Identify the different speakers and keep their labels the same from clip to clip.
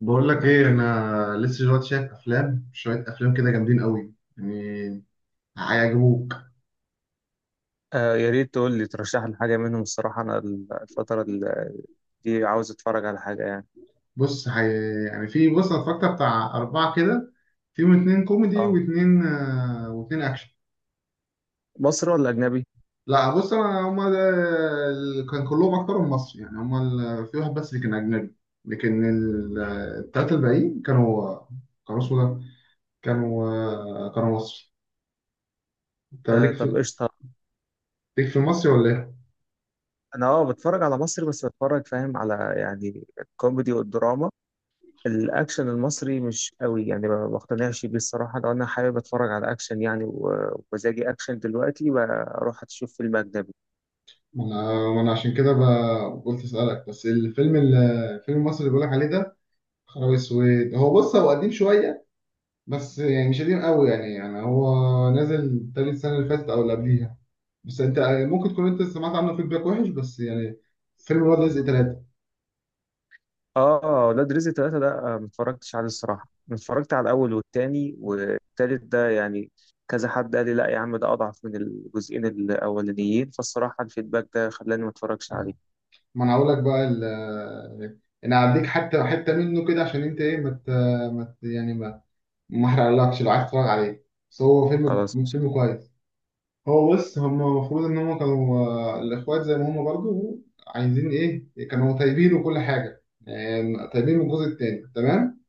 Speaker 1: بقول لك ايه؟ انا لسه دلوقتي شايف افلام، شويه افلام كده جامدين قوي يعني، هيعجبوك.
Speaker 2: آه، يا ريت تقول لي ترشح لي حاجة منهم. الصراحة أنا الفترة دي عاوز أتفرج على حاجة يعني.
Speaker 1: بص يعني، في بص انا اتفرجت بتاع اربعه كده، فيهم اتنين كوميدي
Speaker 2: اه،
Speaker 1: واتنين اكشن.
Speaker 2: مصري ولا أجنبي؟
Speaker 1: لا، بص انا كان كلهم اكترهم مصري يعني. هما في واحد بس اللي كان اجنبي، لكن التلاته الباقيين كانوا كانوا اسمه ده كانوا آه، كانوا مصري. انت
Speaker 2: آه،
Speaker 1: ليك
Speaker 2: طب
Speaker 1: في
Speaker 2: قشطة.
Speaker 1: ليك في المصري ولا ايه؟
Speaker 2: أنا بتفرج على مصري، بس بتفرج فاهم على يعني الكوميدي والدراما. الأكشن المصري مش قوي يعني، ما بقتنعش بيه الصراحة. لو أنا حابب أتفرج على أكشن يعني و- ومزاجي أكشن دلوقتي بروح أشوف فيلم أجنبي.
Speaker 1: ما انا عشان كده قلت اسالك. بس الفيلم الفيلم المصري اللي بقولك عليه ده، خرابي السويد، بص، هو قديم شويه، بس يعني مش قديم قوي يعني هو نازل تاني السنه اللي فاتت او اللي قبليها. بس انت ممكن تكون انت سمعت عنه فيدباك وحش، بس يعني فيلم ولاد رزق ثلاثه.
Speaker 2: اه، ولاد رزق ثلاثة ده، ما اتفرجتش عليه الصراحة. أنا اتفرجت على الأول والتاني، والتالت ده يعني كذا حد قال لي: لا يا عم، ده أضعف من الجزئين الأولانيين. فالصراحة الفيدباك ده خلاني ما اتفرجش عليه.
Speaker 1: ما انا هقول لك بقى انا هديك حتى حته منه كده، عشان انت ايه، ما مت يعني، ما احرقلكش لو عايز تتفرج عليه، بس هو فيلم
Speaker 2: خلاص قشطة.
Speaker 1: فيلم كويس. هو بص، هم المفروض ان هم كانوا الاخوات زي ما هم برضو عايزين ايه، كانوا طيبين وكل حاجه يعني، طيبين من الجزء التاني تمام.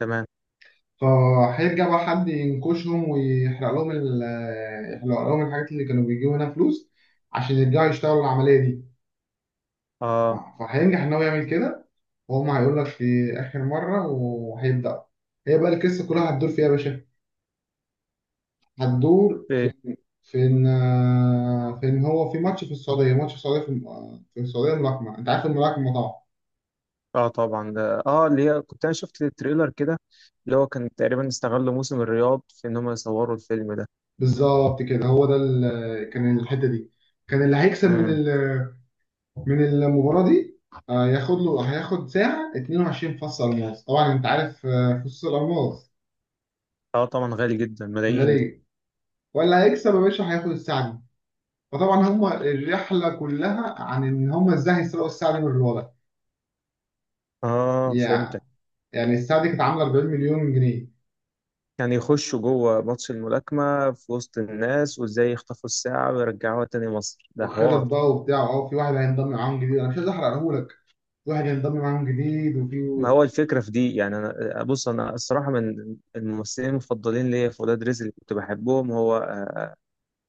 Speaker 2: تمام.
Speaker 1: فهيرجع بقى حد ينكشهم ويحرق لهم ال- آه، يحرق لهم الحاجات اللي كانوا بيجيبوا منها فلوس، عشان يرجعوا يشتغلوا العمليه دي.
Speaker 2: اه،
Speaker 1: فهينجح ان هو يعمل كده، وهم هيقول لك في اخر مره وهيبدا. هي بقى القصه كلها هتدور فيها يا باشا. هتدور
Speaker 2: ايه.
Speaker 1: فين هو؟ في ماتش في السعودية، الملاكمة. انت عارف الملاكمة طبعا.
Speaker 2: اه، طبعا ده اللي هي كنت انا شفت التريلر كده، اللي هو كان تقريبا استغلوا موسم الرياض في ان هم يصوروا الفيلم ده.
Speaker 1: بالظبط كده، هو ده كان الحتة دي. كان اللي هيكسب
Speaker 2: امم.
Speaker 1: من المباراة دي آه، ياخد له هياخد ساعة 22 فص ألماس. طبعا انت عارف فصوص الألماس
Speaker 2: اه، طبعا، غالي جدا، ملايين دي.
Speaker 1: غالية. ولا هيكسب يا باشا هياخد الساعة دي. فطبعا هم الرحلة كلها عن ان هم ازاي هيسرقوا الساعة دي من الوضع
Speaker 2: اه، فهمت.
Speaker 1: يعني. يعني الساعة دي كانت عاملة 40 مليون جنيه.
Speaker 2: يعني يخشوا جوه ماتش الملاكمة في وسط الناس، وازاي يخطفوا الساعة ويرجعوها تاني مصر، ده
Speaker 1: وخطط
Speaker 2: حوار.
Speaker 1: بقى وبتاع، في واحد هينضم معاهم جديد، انا مش عايز احرقهولك. في واحد هينضم معاهم جديد
Speaker 2: ما
Speaker 1: وفي.
Speaker 2: هو الفكرة في دي يعني. أنا بص، أنا الصراحة من الممثلين المفضلين ليا في ولاد رزق اللي كنت بحبهم هو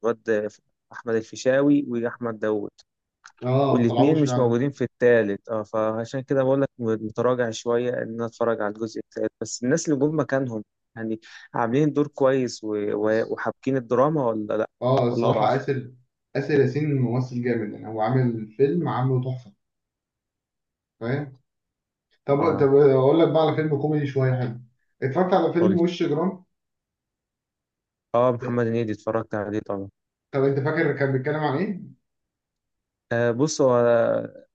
Speaker 2: الواد أحمد الفيشاوي وأحمد داوود.
Speaker 1: اه، ما
Speaker 2: والاتنين
Speaker 1: طلعوش
Speaker 2: مش
Speaker 1: فعلا.
Speaker 2: موجودين في التالت، اه، فعشان كده بقول لك متراجع شوية إن أنا أتفرج على الجزء التالت. بس الناس اللي جم مكانهم يعني عاملين دور كويس و- و-
Speaker 1: بس
Speaker 2: وحابكين الدراما ولا لأ؟
Speaker 1: اه
Speaker 2: ولا
Speaker 1: الصراحه
Speaker 2: أضعف؟
Speaker 1: اسر ياسين ممثل جامد يعني، هو عامل فيلم عامله تحفه، فاهم. طب
Speaker 2: اه،
Speaker 1: طب اقول لك بقى على فيلم كوميدي شويه حلو. اتفرجت على فيلم
Speaker 2: قول.
Speaker 1: وش جرام.
Speaker 2: اه، محمد هنيدي اتفرجت عليه طبعا.
Speaker 1: طب انت فاكر كان بيتكلم عن ايه؟
Speaker 2: آه، بص هو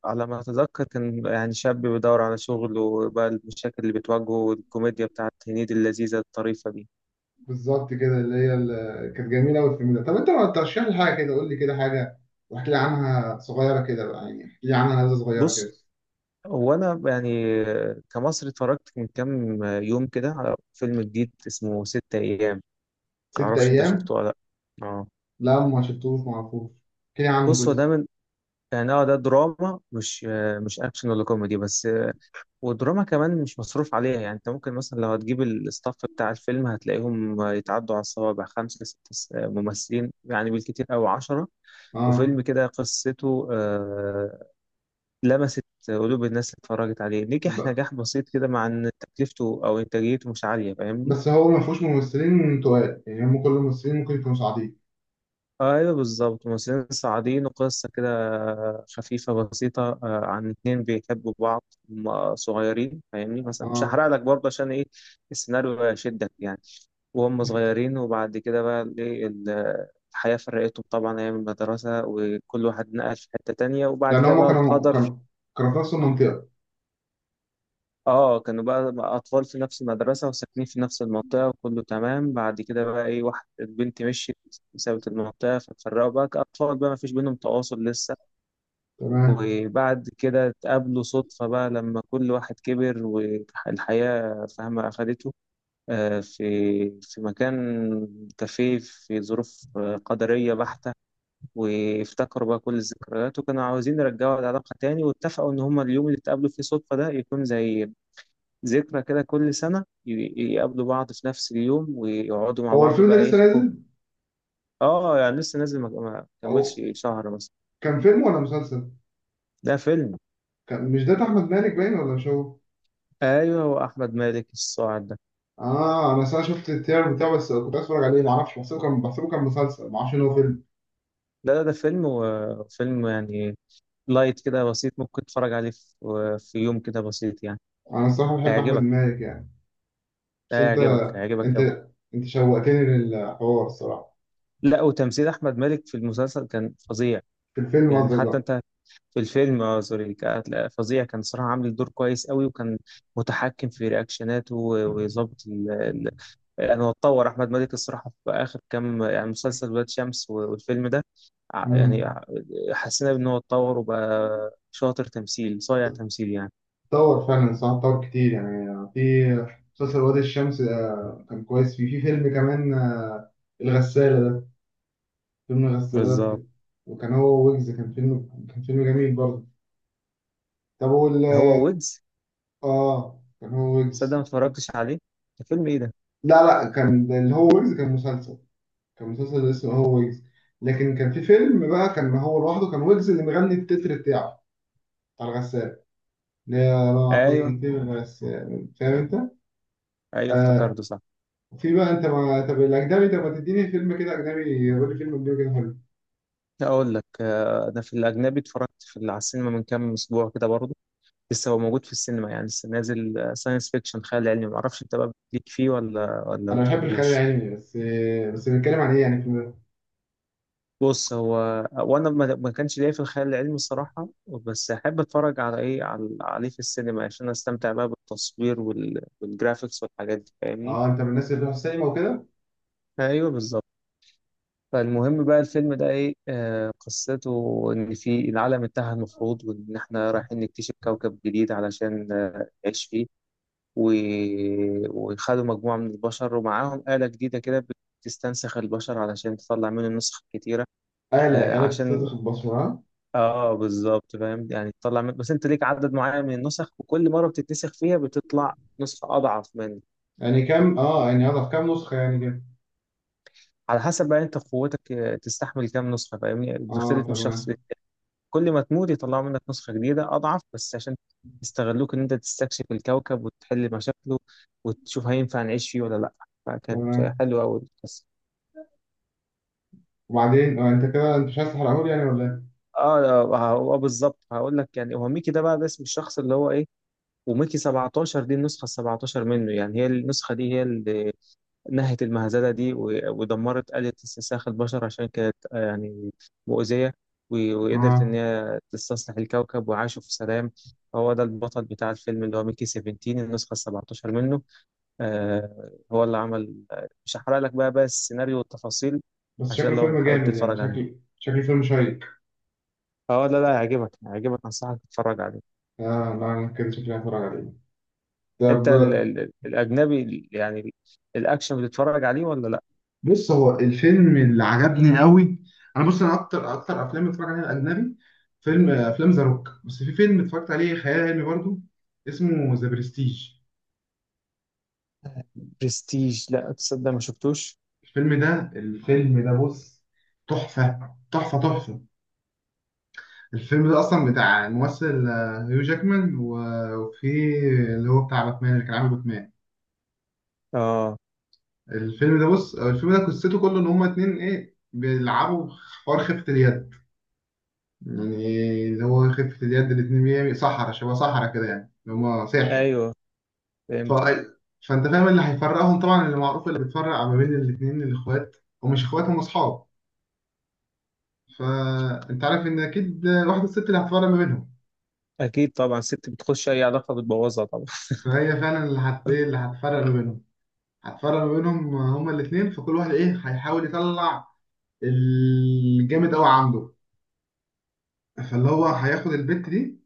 Speaker 2: على ما اتذكر كان يعني شاب بيدور على شغل وبقى المشاكل اللي بتواجهه، والكوميديا بتاعت هنيدي اللذيذه الطريفه دي.
Speaker 1: بالظبط كده، اللي هي كانت جميله قوي الفيلم ده. طب انت ما ترشح لي حاجه كده، قول لي كده حاجه واحكي لي عنها صغيره كده بقى، يعني احكي لي عنها نبذه صغيره كده.
Speaker 2: بص، هو انا يعني كمصري اتفرجت من كام يوم كده على فيلم جديد اسمه ستة ايام.
Speaker 1: ست
Speaker 2: معرفش انت شفته
Speaker 1: ايام؟
Speaker 2: ولا لا. اه،
Speaker 1: لا ما شفتوش ما اعرفوش. احكيلي عنه
Speaker 2: بص هو ده
Speaker 1: بس.
Speaker 2: من يعني ده دراما، مش اكشن ولا كوميدي بس. ودراما كمان مش مصروف عليها. يعني انت ممكن مثلا لو هتجيب الستاف بتاع الفيلم هتلاقيهم يتعدوا على الصوابع، خمسة ستة ممثلين يعني بالكتير أو عشرة.
Speaker 1: اه.
Speaker 2: وفيلم كده قصته لمست قلوب الناس. اللي اتفرجت عليه
Speaker 1: ب...
Speaker 2: نجح نجاح بسيط كده، مع ان تكلفته او انتاجيته مش عالية، فاهمني؟
Speaker 1: بس هو ما فيهوش ممثلين تقال يعني، هم كل الممثلين ممكن يكونوا صاعدين.
Speaker 2: ايوه بالظبط، ممثلين صاعدين وقصة كده خفيفة بسيطة عن اتنين بيحبوا بعض. هما صغيرين فاهمني، مثلا مش
Speaker 1: اه
Speaker 2: هحرق لك برضه عشان ايه السيناريو يشدك يعني. وهم صغيرين، وبعد كده بقى الحياة فرقتهم، طبعا أيام المدرسة وكل واحد نقل في حتة تانية، وبعد
Speaker 1: يعني
Speaker 2: كده
Speaker 1: هم
Speaker 2: بقى
Speaker 1: كانوا
Speaker 2: القدر.
Speaker 1: كانوا كانوا في نفس المنطقة.
Speaker 2: اه، كانوا بقى أطفال في نفس المدرسة وساكنين في نفس المنطقة، وكله تمام. بعد كده بقى واحد البنت مشيت سابت المنطقة، فاتفرقوا بقى كأطفال، بقى مفيش بينهم تواصل لسه.
Speaker 1: تمام.
Speaker 2: وبعد كده اتقابلوا صدفة بقى لما كل واحد كبر والحياة فاهمة أخدته، آه، في في مكان كافيه، في ظروف قدرية بحتة. وافتكروا بقى كل الذكريات، وكانوا عاوزين يرجعوا العلاقة تاني. واتفقوا إن هما اليوم اللي اتقابلوا فيه صدفة ده يكون زي ذكرى كده، كل سنة يقابلوا بعض في نفس اليوم ويقعدوا مع
Speaker 1: هو
Speaker 2: بعض
Speaker 1: الفيلم ده
Speaker 2: بقى
Speaker 1: لسه
Speaker 2: يحكوا.
Speaker 1: نازل،
Speaker 2: اه، يعني لسه نازل، ما
Speaker 1: او
Speaker 2: كملش شهر مثلا.
Speaker 1: كان فيلم ولا مسلسل؟
Speaker 2: ده فيلم.
Speaker 1: كان مش ده بتاع احمد مالك، باين ولا مش هو؟
Speaker 2: ايوه، واحمد مالك الصاعد ده.
Speaker 1: اه، انا اصلا شفت التريلر بتاعه بس كنت عايز اتفرج عليه، ما اعرفش، بحسبه كان مسلسل، ما اعرفش ان هو فيلم.
Speaker 2: لا، لا، ده فيلم. وفيلم يعني لايت كده، بسيط، ممكن تتفرج عليه في يوم كده بسيط يعني.
Speaker 1: انا الصراحة بحب احمد
Speaker 2: هيعجبك،
Speaker 1: مالك يعني، بس
Speaker 2: هيعجبك، هيعجبك
Speaker 1: انت
Speaker 2: قوي.
Speaker 1: انت شوقتني للحوار الصراحة.
Speaker 2: لا، وتمثيل احمد مالك في المسلسل كان فظيع.
Speaker 1: في الفيلم
Speaker 2: يعني
Speaker 1: قصدك
Speaker 2: حتى
Speaker 1: بقى.
Speaker 2: انت. في الفيلم، سوري، لا، فظيع كان صراحة، عامل دور كويس قوي وكان متحكم في رياكشناته، و- ويظبط ال... يعني هو اتطور احمد مالك الصراحة في اخر كام، يعني مسلسل ولاد شمس و- والفيلم ده ع- يعني
Speaker 1: مم.
Speaker 2: ع- حسينا ان هو اتطور وبقى شاطر تمثيل، صايع تمثيل يعني.
Speaker 1: طور فعلا صح، طور كتير يعني. في مسلسل وادي الشمس كان كويس، فيه. في فيلم كمان الغسالة ده، فيلم الغسالة
Speaker 2: بالظبط.
Speaker 1: ده. وكان هو ويجز، كان فيلم جميل برضه. طب وال
Speaker 2: هو ويدز.
Speaker 1: اه كان هو
Speaker 2: صدق ما
Speaker 1: ويجز.
Speaker 2: اتفرجتش عليه. ده فيلم ايه ده؟
Speaker 1: لا لا، كان ده اللي هو ويجز كان مسلسل اسمه هو ويجز. لكن كان في فيلم بقى كان هو لوحده، كان ويجز اللي مغني التتر بتاعه بتاع الغسالة، اللي هي راح
Speaker 2: ايوه،
Speaker 1: يجيب الغسالة، فاهم انت؟
Speaker 2: ايوه،
Speaker 1: آه،
Speaker 2: افتكرته صح.
Speaker 1: في بقى انت ما، طب الاجنبي طب ما تديني فيلم كده اجنبي، قول لي فيلم اجنبي كده حلو.
Speaker 2: اقول لك انا في الاجنبي اتفرجت على السينما من كام اسبوع كده برضه. لسه هو موجود في السينما يعني، لسه نازل، ساينس فيكشن، خيال علمي. معرفش انت بقى بتليك فيه ولا ما
Speaker 1: انا بحب الخيال
Speaker 2: بتحبوش.
Speaker 1: العلمي، بس بنتكلم عن ايه يعني الفيلم ده؟
Speaker 2: بص، هو وانا ما كانش ليا في الخيال العلمي الصراحه، بس احب اتفرج على ايه على عليه في السينما عشان استمتع بقى بالتصوير وال... والجرافيكس والحاجات دي، فاهمني؟
Speaker 1: اه، انت من الناس اللي بتروح السينما وكده.
Speaker 2: ايوه بالظبط. فالمهم بقى الفيلم ده ايه آه قصته ان في العالم انتهى المفروض، وان احنا رايحين نكتشف كوكب جديد علشان نعيش فيه. و... وخدوا مجموعة من البشر ومعاهم آلة جديدة كده بتستنسخ البشر علشان تطلع منه النسخ الكتيرة.
Speaker 1: اهلا
Speaker 2: آه،
Speaker 1: اهلا،
Speaker 2: عشان.
Speaker 1: بتستنزف البصمه، ها؟
Speaker 2: اه، بالظبط فاهم يعني. تطلع من... بس انت ليك عدد معين من النسخ، وكل مرة بتتنسخ فيها بتطلع نسخة أضعف من.
Speaker 1: يعني كام، يعني هضف كام نسخه يعني كده؟
Speaker 2: على حسب بقى انت قوتك تستحمل كام نسخة، فاهمني؟
Speaker 1: اه،
Speaker 2: بتختلف من شخص ليه.
Speaker 1: تمام.
Speaker 2: كل ما تموت يطلعوا منك نسخة جديدة أضعف، بس عشان يستغلوك إن أنت تستكشف الكوكب وتحل مشاكله، وتشوف هينفع نعيش فيه ولا لأ.
Speaker 1: تمام.
Speaker 2: فكانت حلوة أوي.
Speaker 1: وبعدين، انت كده انت مش عايز تحرقهولي يعني ولا ايه؟
Speaker 2: اه، هو بالظبط هقول لك. يعني هو ميكي ده بقى، ده اسم الشخص اللي هو ايه. وميكي 17 دي النسخه ال 17 منه، يعني هي النسخه دي هي اللي نهت المهزله دي و- ودمرت آلة استنساخ البشر عشان كانت يعني مؤذيه، و- وقدرت ان
Speaker 1: اه،
Speaker 2: هي تستصلح الكوكب وعاشوا في سلام. هو ده البطل بتاع الفيلم اللي هو ميكي 17 النسخه ال 17 منه. هو اللي عمل مش هحرق لك بقى السيناريو والتفاصيل.
Speaker 1: بس
Speaker 2: عشان
Speaker 1: شكله
Speaker 2: لو
Speaker 1: فيلم
Speaker 2: حابب
Speaker 1: جامد يعني،
Speaker 2: تتفرج عليه.
Speaker 1: شكله فيلم شيق.
Speaker 2: اه، لا، لا، هيعجبك، هيعجبك، انصحك تتفرج عليه.
Speaker 1: اه، لا انا كده شكلي هتفرج عليه.
Speaker 2: انت
Speaker 1: طب.
Speaker 2: الاجنبي الاكشن بتتفرج عليه ولا لا؟
Speaker 1: بص، هو الفيلم اللي عجبني قوي، انا بص، انا اكتر افلام اتفرج عليها اجنبي، فيلم آه، افلام ذا روك. بس في فيلم اتفرجت عليه خيال علمي برضو، اسمه ذا برستيج.
Speaker 2: برستيج؟ لا تصدق، ما شفتوش.
Speaker 1: الفيلم ده بص، تحفة تحفة تحفة. الفيلم ده اصلا بتاع الممثل هيو جاكمان و- وفي اللي هو بتاع باتمان، اللي كان عامل باتمان.
Speaker 2: اه،
Speaker 1: الفيلم ده بص، الفيلم ده قصته كله ان هما اتنين ايه بيلعبوا حوار خفة اليد، يعني اللي هو خفة اليد، الاتنين بيعمل صحرا شبه صحرا كده، يعني اللي هما ساحر.
Speaker 2: ايوه
Speaker 1: ف...
Speaker 2: فهمت.
Speaker 1: فانت فاهم اللي هيفرقهم طبعا، اللي معروف اللي بيتفرق ما بين الاتنين الاخوات، ومش اخوات هم اصحاب. فانت عارف ان اكيد واحدة، الست اللي هتفرق ما بينهم.
Speaker 2: اكيد طبعا، ست بتخش اي علاقه بتبوظها طبعا.
Speaker 1: فهي فعلا اللي هت ايه اللي هتفرق ما بينهم، هتفرق ما بينهم هما الاتنين. فكل واحد ايه هيحاول يطلع الجامد قوي عنده. فاللي هو هياخد البت دي،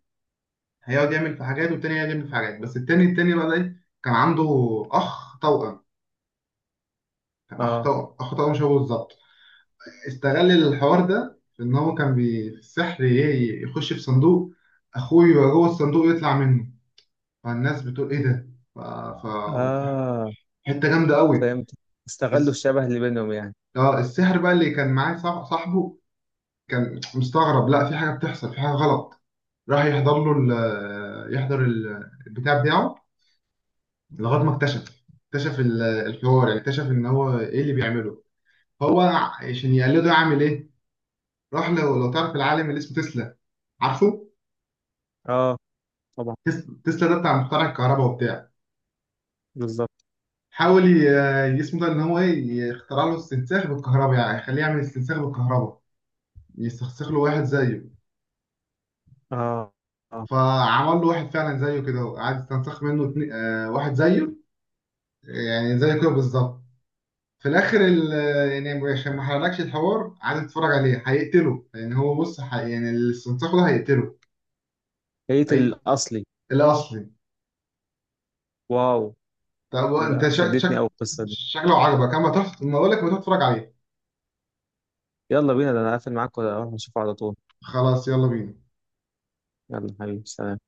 Speaker 1: هيقعد يعمل في حاجات، والتاني هيقعد يعمل في حاجات، بس التاني بقى ده ايه، كان عنده اخ توأم،
Speaker 2: اه،
Speaker 1: اخطاء مشابهه بالظبط. استغل الحوار ده في ان هو كان في السحر، يخش في صندوق، اخوه يبقى جوه الصندوق يطلع منه، فالناس بتقول ايه ده؟ ف... ف...
Speaker 2: اه،
Speaker 1: حته جامده قوي.
Speaker 2: فهمت.
Speaker 1: الس...
Speaker 2: استغلوا الشبه اللي بينهم يعني.
Speaker 1: اه السحر بقى اللي كان معاه صاحبه كان مستغرب، لا في حاجه بتحصل، في حاجه غلط. راح يحضر له البتاع بتاعه، لغايه ما اكتشف الحوار، يعني اكتشف ان هو ايه اللي بيعمله هو، عشان يقلده يعمل ايه. روح، لو تعرف العالم اللي اسمه تسلا، عارفه.
Speaker 2: اه، طبعا.
Speaker 1: تسلا ده بتاع مخترع الكهرباء وبتاع.
Speaker 2: بالظبط.
Speaker 1: حاول ي- اسمه ده ان هو ايه يخترع له استنساخ بالكهرباء، يعني يخليه يعمل استنساخ بالكهرباء، يستنسخ له واحد زيه.
Speaker 2: اه، اه،
Speaker 1: فعمل له واحد فعلا زيه كده، وقعد يستنسخ منه اتنين، واحد زيه يعني زيه كده بالظبط. في الاخر يعني عشان ما حرقلكش الحوار، قعد يتفرج عليه هيقتله، لان هو بص، يعني الاستنساخ ده هيقتله.
Speaker 2: هيت
Speaker 1: اي
Speaker 2: الاصلي.
Speaker 1: الاصلي.
Speaker 2: واو.
Speaker 1: طب
Speaker 2: ده
Speaker 1: انت شك
Speaker 2: شدتني
Speaker 1: شك
Speaker 2: قوي القصه دي.
Speaker 1: شكله عجبك، اما تروح، ما اقول لك ما تروح تتفرج عليه.
Speaker 2: يلا بينا، ده انا قافل معاك ولا اروح اشوفه على طول؟
Speaker 1: خلاص يلا بينا.
Speaker 2: يلا حبيبي، سلام.